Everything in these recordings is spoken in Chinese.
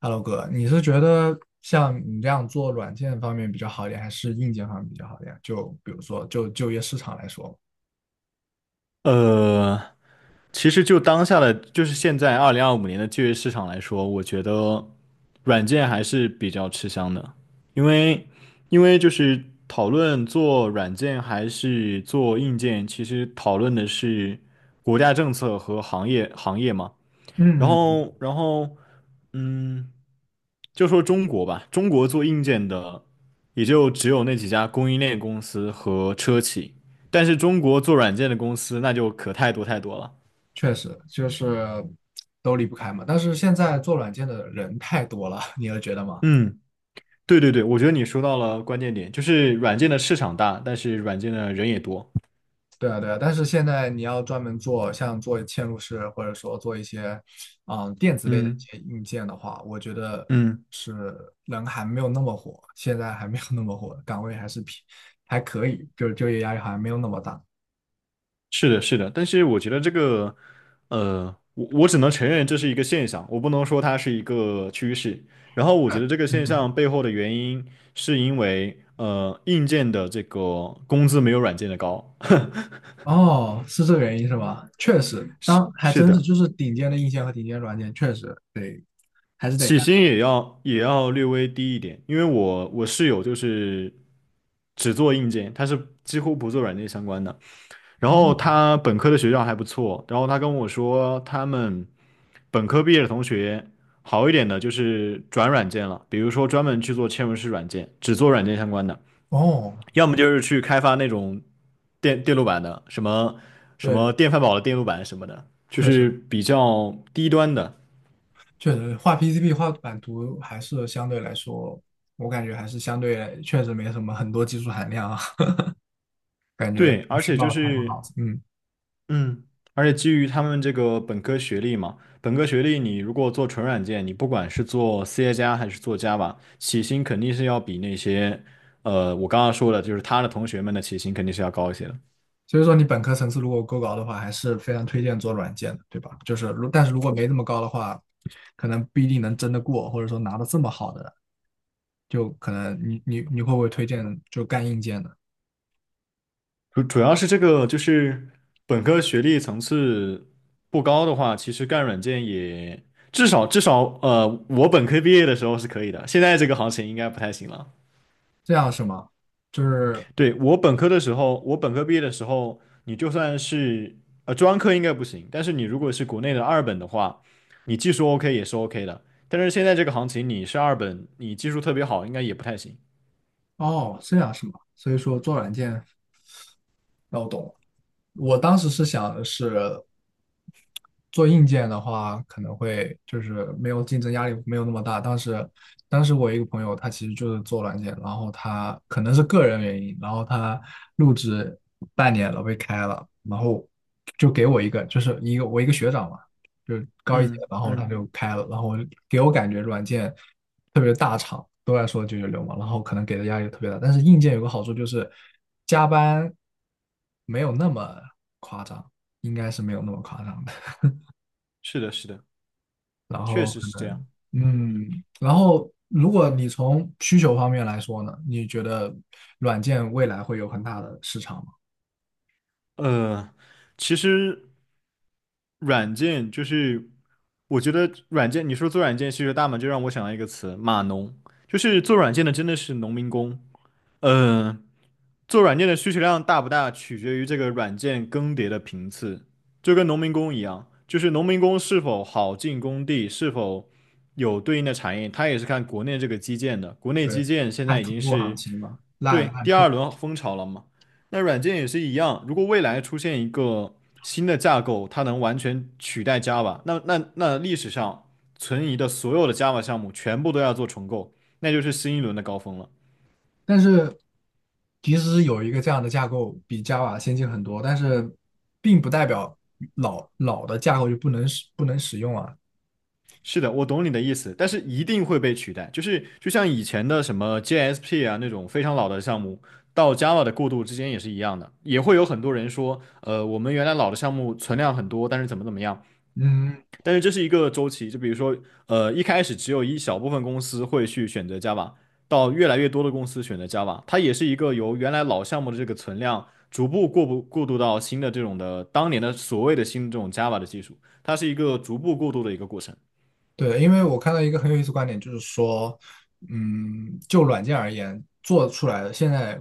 Hello 哥，你是觉得像你这样做软件方面比较好一点，还是硬件方面比较好一点？就比如说，就就业市场来说，呃，其实就当下的，就是现在2025年的就业市场来说，我觉得软件还是比较吃香的，因为因为就是讨论做软件还是做硬件，其实讨论的是国家政策和行业嘛。然嗯，嗯后，然后，嗯，就说中国吧，中国做硬件的也就只有那几家供应链公司和车企，但是中国做软件的公司那就可太多太多了。确实就是都离不开嘛。但是现在做软件的人太多了，你有觉得吗？嗯，对对对，我觉得你说到了关键点，就是软件的市场大，但是软件的人也多。对啊，对啊。但是现在你要专门做像做嵌入式，或者说做一些电子类的一嗯些硬件的话，我觉得嗯。是人还没有那么火，现在还没有那么火，岗位还是偏还可以，就是就业压力好像没有那么大。是的，是的，但是我觉得这个，我只能承认这是一个现象，我不能说它是一个趋势。然后我觉得这个现嗯。象背后的原因是因为，硬件的这个工资没有软件的高。哦，是这个原因是吧？确实，是当还是真是的，就是顶尖的硬件和顶尖软件，确实得还是得起干。薪也要略微低一点，因为我室友就是只做硬件，他是几乎不做软件相关的。然哦后他本科的学校还不错，然后他跟我说，他们本科毕业的同学好一点的就是转软件了，比如说专门去做嵌入式软件，只做软件相关的；哦，要么就是去开发那种电路板的，什么对，电饭煲的电路板什么的，就确实是比较低端的。确实画 PCB 画版图还是相对来说，我感觉还是相对确实没什么很多技术含量啊，感觉对，不而需且就要太多脑是子。嗯，嗯，而且基于他们这个本科学历嘛，本科学历你如果做纯软件，你不管是做 C 加还是做 j 吧，起薪肯定是要比那些，我刚刚说的，就是他的同学们的起薪肯定是要高一些的。所以说你本科层次如果够高的话，还是非常推荐做软件的，对吧？就是但是如果没那么高的话，可能不一定能争得过，或者说拿到这么好的。就可能你会不会推荐就干硬件的？主要是这个就是本科学历层次不高的话，其实干软件也至少我本科毕业的时候是可以的，现在这个行情应该不太行了。这样是吗？就是对，我本科的时候，我本科毕业的时候，你就算是专科应该不行，但是你如果是国内的二本的话，你技术 OK 也是 OK 的。但是现在这个行情，你是二本，你技术特别好，应该也不太行。哦，这样是吗？所以说做软件那我懂了。我当时是想的是，做硬件的话，可能会就是没有竞争压力没有那么大。当时，当时我一个朋友，他其实就是做软件，然后他可能是个人原因，然后他入职半年了被开了，然后就给我一个，就是一个我一个学长嘛，就是高一届，嗯然后他嗯，就开了，然后给我感觉软件。特别大厂都在说996嘛，然后可能给的压力特别大。但是硬件有个好处就是加班没有那么夸张，应该是没有那么夸张的。是的，是的，然确后实可是这样。能嗯，嗯，然后如果你从需求方面来说呢，你觉得软件未来会有很大的市场吗？呃，其实软件就是，我觉得软件，你说做软件需求大嘛，就让我想到一个词，码农，就是做软件的真的是农民工。嗯、做软件的需求量大不大，取决于这个软件更迭的频次，就跟农民工一样，就是农民工是否好进工地，是否有对应的产业，它也是看国内这个基建的。国内对，基建现看在已土经木行是情嘛，烂对烂第透。二轮风潮了嘛，那软件也是一样，如果未来出现一个新的架构，它能完全取代 Java,那历史上存疑的所有的 Java 项目全部都要做重构，那就是新一轮的高峰了。但是即使有一个这样的架构比 Java 先进很多，但是并不代表老的架构就不能使用啊。是的，我懂你的意思，但是一定会被取代。就是就像以前的什么 j s p 啊那种非常老的项目，到 Java 的过渡之间也是一样的，也会有很多人说，我们原来老的项目存量很多，但是怎么样。嗯，但是这是一个周期，就比如说，一开始只有一小部分公司会去选择 Java,到越来越多的公司选择 Java,它也是一个由原来老项目的这个存量逐步过不过渡到新的这种的当年的所谓的新的这种 Java 的技术，它是一个逐步过渡的一个过程。对，因为我看到一个很有意思的观点，就是说，嗯，就软件而言，做出来的现在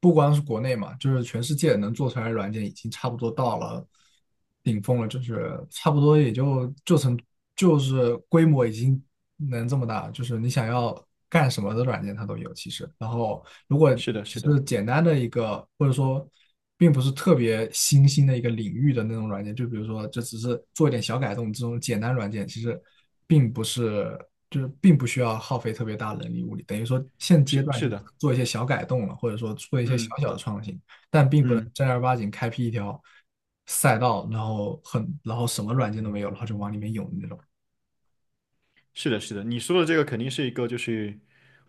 不光是国内嘛，就是全世界能做出来的软件已经差不多到了顶峰了，就是差不多也就成就是规模已经能这么大，就是你想要干什么的软件它都有其实。然后如果是的，只是是的。简单的一个，或者说并不是特别新兴的一个领域的那种软件，就比如说这只是做一点小改动，这种简单软件其实并不是，就是并不需要耗费特别大的人力物力，等于说现阶是段是就的，做一些小改动了，或者说做一些小嗯小的创新，但并不能嗯，正儿八经开辟一条赛道，然后很，然后什么软件都没有，然后就往里面涌的那种。是的，是的，你说的这个肯定是一个，就是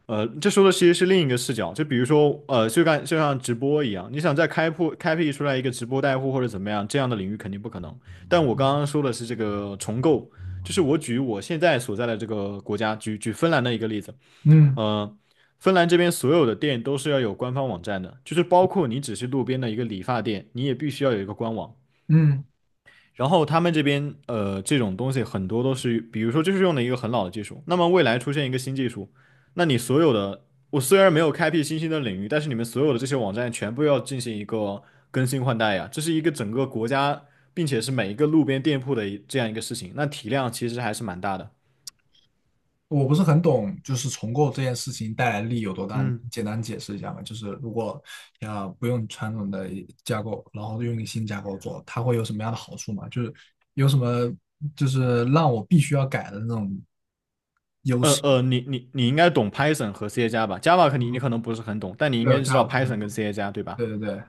这说的其实是另一个视角，就比如说就像直播一样，你想再开辟出来一个直播带货或者怎么样这样的领域肯定不可能。但我刚刚说的是这个重构，就是我举我现在所在的这个国家，举芬兰的一个例子，嗯呃，芬兰这边所有的店都是要有官方网站的，就是包括你只是路边的一个理发店，你也必须要有一个官网。嗯。然后他们这边这种东西很多都是，比如说就是用的一个很老的技术。那么未来出现一个新技术，那你所有的，我虽然没有开辟新兴的领域，但是你们所有的这些网站全部要进行一个更新换代呀，这是一个整个国家，并且是每一个路边店铺的一这样一个事情，那体量其实还是蛮大的。我不是很懂，就是重构这件事情带来利有多大，你嗯，简单解释一下嘛？就是如果要不用传统的架构，然后用一个新架构做，它会有什么样的好处嘛？就是有什么就是让我必须要改的那种你应该懂 Python 和 C 加加吧？Java 可你可能不是很懂，但你应对有该知架道 构？Python 跟 C 加加对吧？对对对，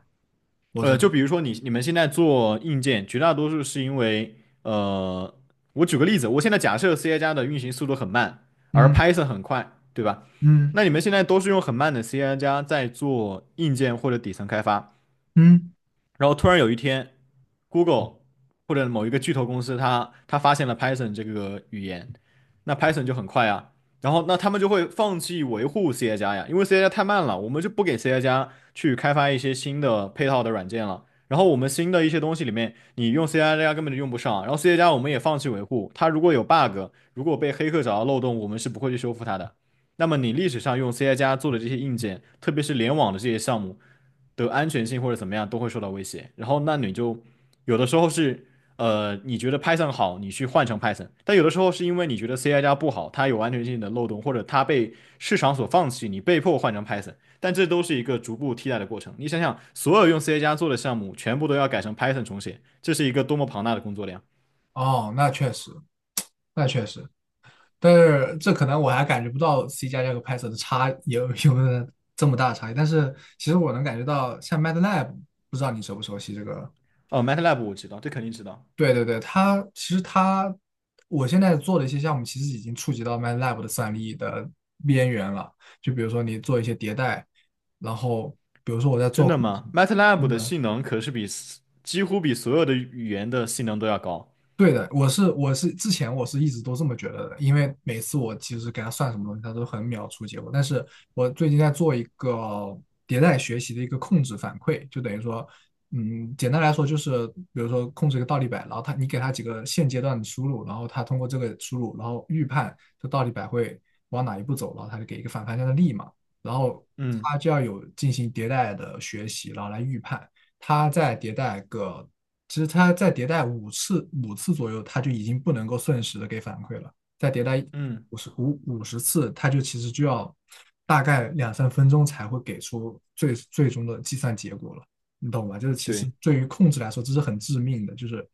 我知道就比如说你们现在做硬件，绝大多数是因为，呃，我举个例子，我现在假设 C 加加的运行速度很慢，而 嗯 Python 很快，对吧？嗯那你们现在都是用很慢的 C 加加在做硬件或者底层开发，嗯，然后突然有一天，Google 或者某一个巨头公司它发现了 Python 这个语言，那 Python 就很快啊。然后那他们就会放弃维护 C 加加呀，因为 C 加加太慢了，我们就不给 C 加加去开发一些新的配套的软件了。然后我们新的一些东西里面，你用 C 加加根本就用不上。然后 C 加加我们也放弃维护，它如果有 bug,如果被黑客找到漏洞，我们是不会去修复它的。那么你历史上用 C 加加做的这些硬件，特别是联网的这些项目，的安全性或者怎么样都会受到威胁。然后那你就有的时候是你觉得 Python 好，你去换成 Python,但有的时候是因为你觉得 C 加加不好，它有安全性的漏洞，或者它被市场所放弃，你被迫换成 Python。但这都是一个逐步替代的过程。你想想，所有用 C 加加做的项目，全部都要改成 Python 重写，这是一个多么庞大的工作量。哦，那确实，那确实，但是这可能我还感觉不到 C 加加和 Python 的差有没有这么大的差异，但是其实我能感觉到，像 MATLAB，不知道你熟不熟悉这个。哦，MATLAB 我知道，这肯定知道。对对对，它其实它，我现在做的一些项目其实已经触及到 MATLAB 的算力的边缘了。就比如说你做一些迭代，然后比如说我在真做的控制，吗？MATLAB 真的的性能可是比几乎比所有的语言的性能都要高。对的，我是之前一直都这么觉得的，因为每次我其实给他算什么东西，他都很秒出结果。但是我最近在做一个迭代学习的一个控制反馈，就等于说，嗯，简单来说就是，比如说控制一个倒立摆，然后你给他几个现阶段的输入，然后他通过这个输入，然后预判这倒立摆会往哪一步走，然后他就给一个反方向的力嘛，然后嗯他就要有进行迭代的学习，然后来预判。它再迭代个，其实它再迭代五次五次左右，它就已经不能够瞬时的给反馈了。再迭代嗯，五十次，它就其实就要大概两三分钟才会给出最终的计算结果了，你懂吧？就是其实对。对于控制来说，这是很致命的，就是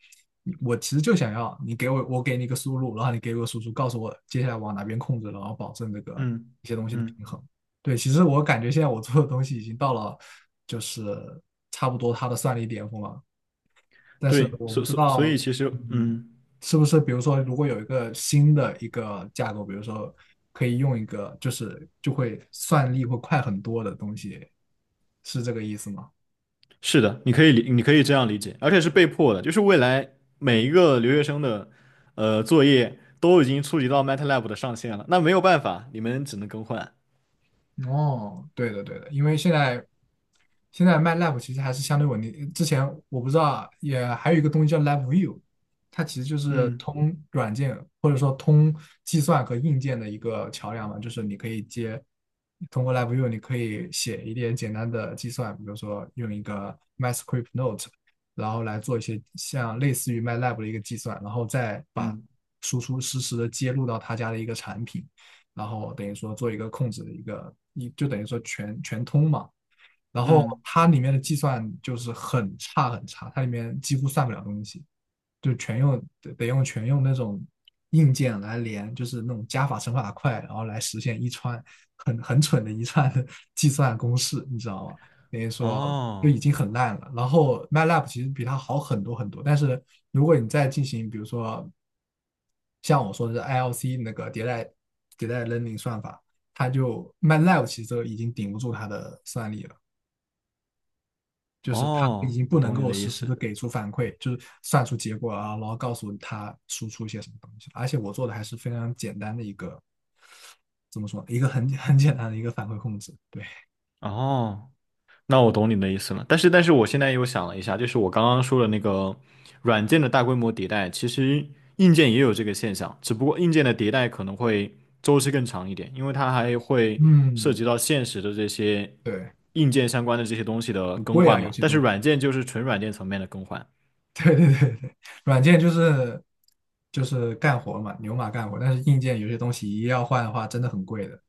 我其实就想要你给我，我给你一个输入，然后你给我输出，告诉我接下来往哪边控制，然后保证这个嗯一些东西的平嗯，衡。对，其实我感觉现在我做的东西已经到了，就是差不多它的算力巅峰了。但是对，我不所知所所以道，其实，嗯，嗯，是不是比如说，如果有一个新的一个架构，比如说可以用一个，就是就会算力会快很多的东西，是这个意思吗？是的，你可以这样理解，而且是被迫的，就是未来每一个留学生的作业都已经触及到 MATLAB 的上限了，那没有办法，你们只能更换。哦，对的对的，因为现在现在卖 l a b 其实还是相对稳定。之前我不知道啊，也还有一个东西叫 l a b View，它其实就是嗯通软件或者说通计算和硬件的一个桥梁嘛，就是你可以接通过 l a b View，你可以写一点简单的计算，比如说用一个 MyScript Note，然后来做一些像类似于 MATLAB 的一个计算，然后再把嗯输出实时的接入到他家的一个产品。然后等于说做一个控制的一个，一就等于说全全通嘛。然后嗯，它里面的计算就是很差很差，它里面几乎算不了东西，就全用用全用那种硬件来连，就是那种加法乘法块，然后来实现一串很蠢的一串的 计算公式，你知道吗？等于说就哦已经很烂了。然后 MATLAB 其实比它好很多很多，但是如果你再进行，比如说像我说的是 ILC 那个迭代 learning 算法，它就 MATLAB 其实都已经顶不住它的算力了。就是他已哦，经我不能懂你够的意实时思。的给出反馈，就是算出结果啊，然后告诉他输出一些什么东西。而且我做的还是非常简单的一个，怎么说，一个很简单的一个反馈控制。对，哦。那我懂你的意思了，但是我现在又想了一下，就是我刚刚说的那个软件的大规模迭代，其实硬件也有这个现象，只不过硬件的迭代可能会周期更长一点，因为它还会涉嗯，及到现实的这些对，硬件相关的这些东西的很更贵啊，换有嘛。些但东是软西。件就是纯软件层面的更换。对对对对，软件就是干活嘛，牛马干活，但是硬件有些东西一要换的话，真的很贵的。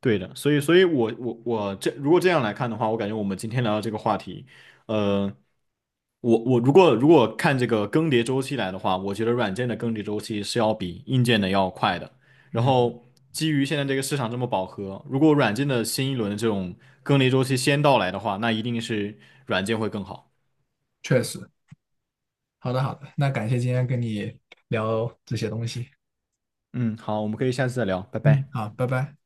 对的，所以我这如果这样来看的话，我感觉我们今天聊的这个话题，呃，我如果看这个更迭周期来的话，我觉得软件的更迭周期是要比硬件的要快的。然嗯，后基于现在这个市场这么饱和，如果软件的新一轮的这种更迭周期先到来的话，那一定是软件会更好。确实。好的好的，那感谢今天跟你聊这些东西。嗯，好，我们可以下次再聊，拜嗯，拜。好，拜拜。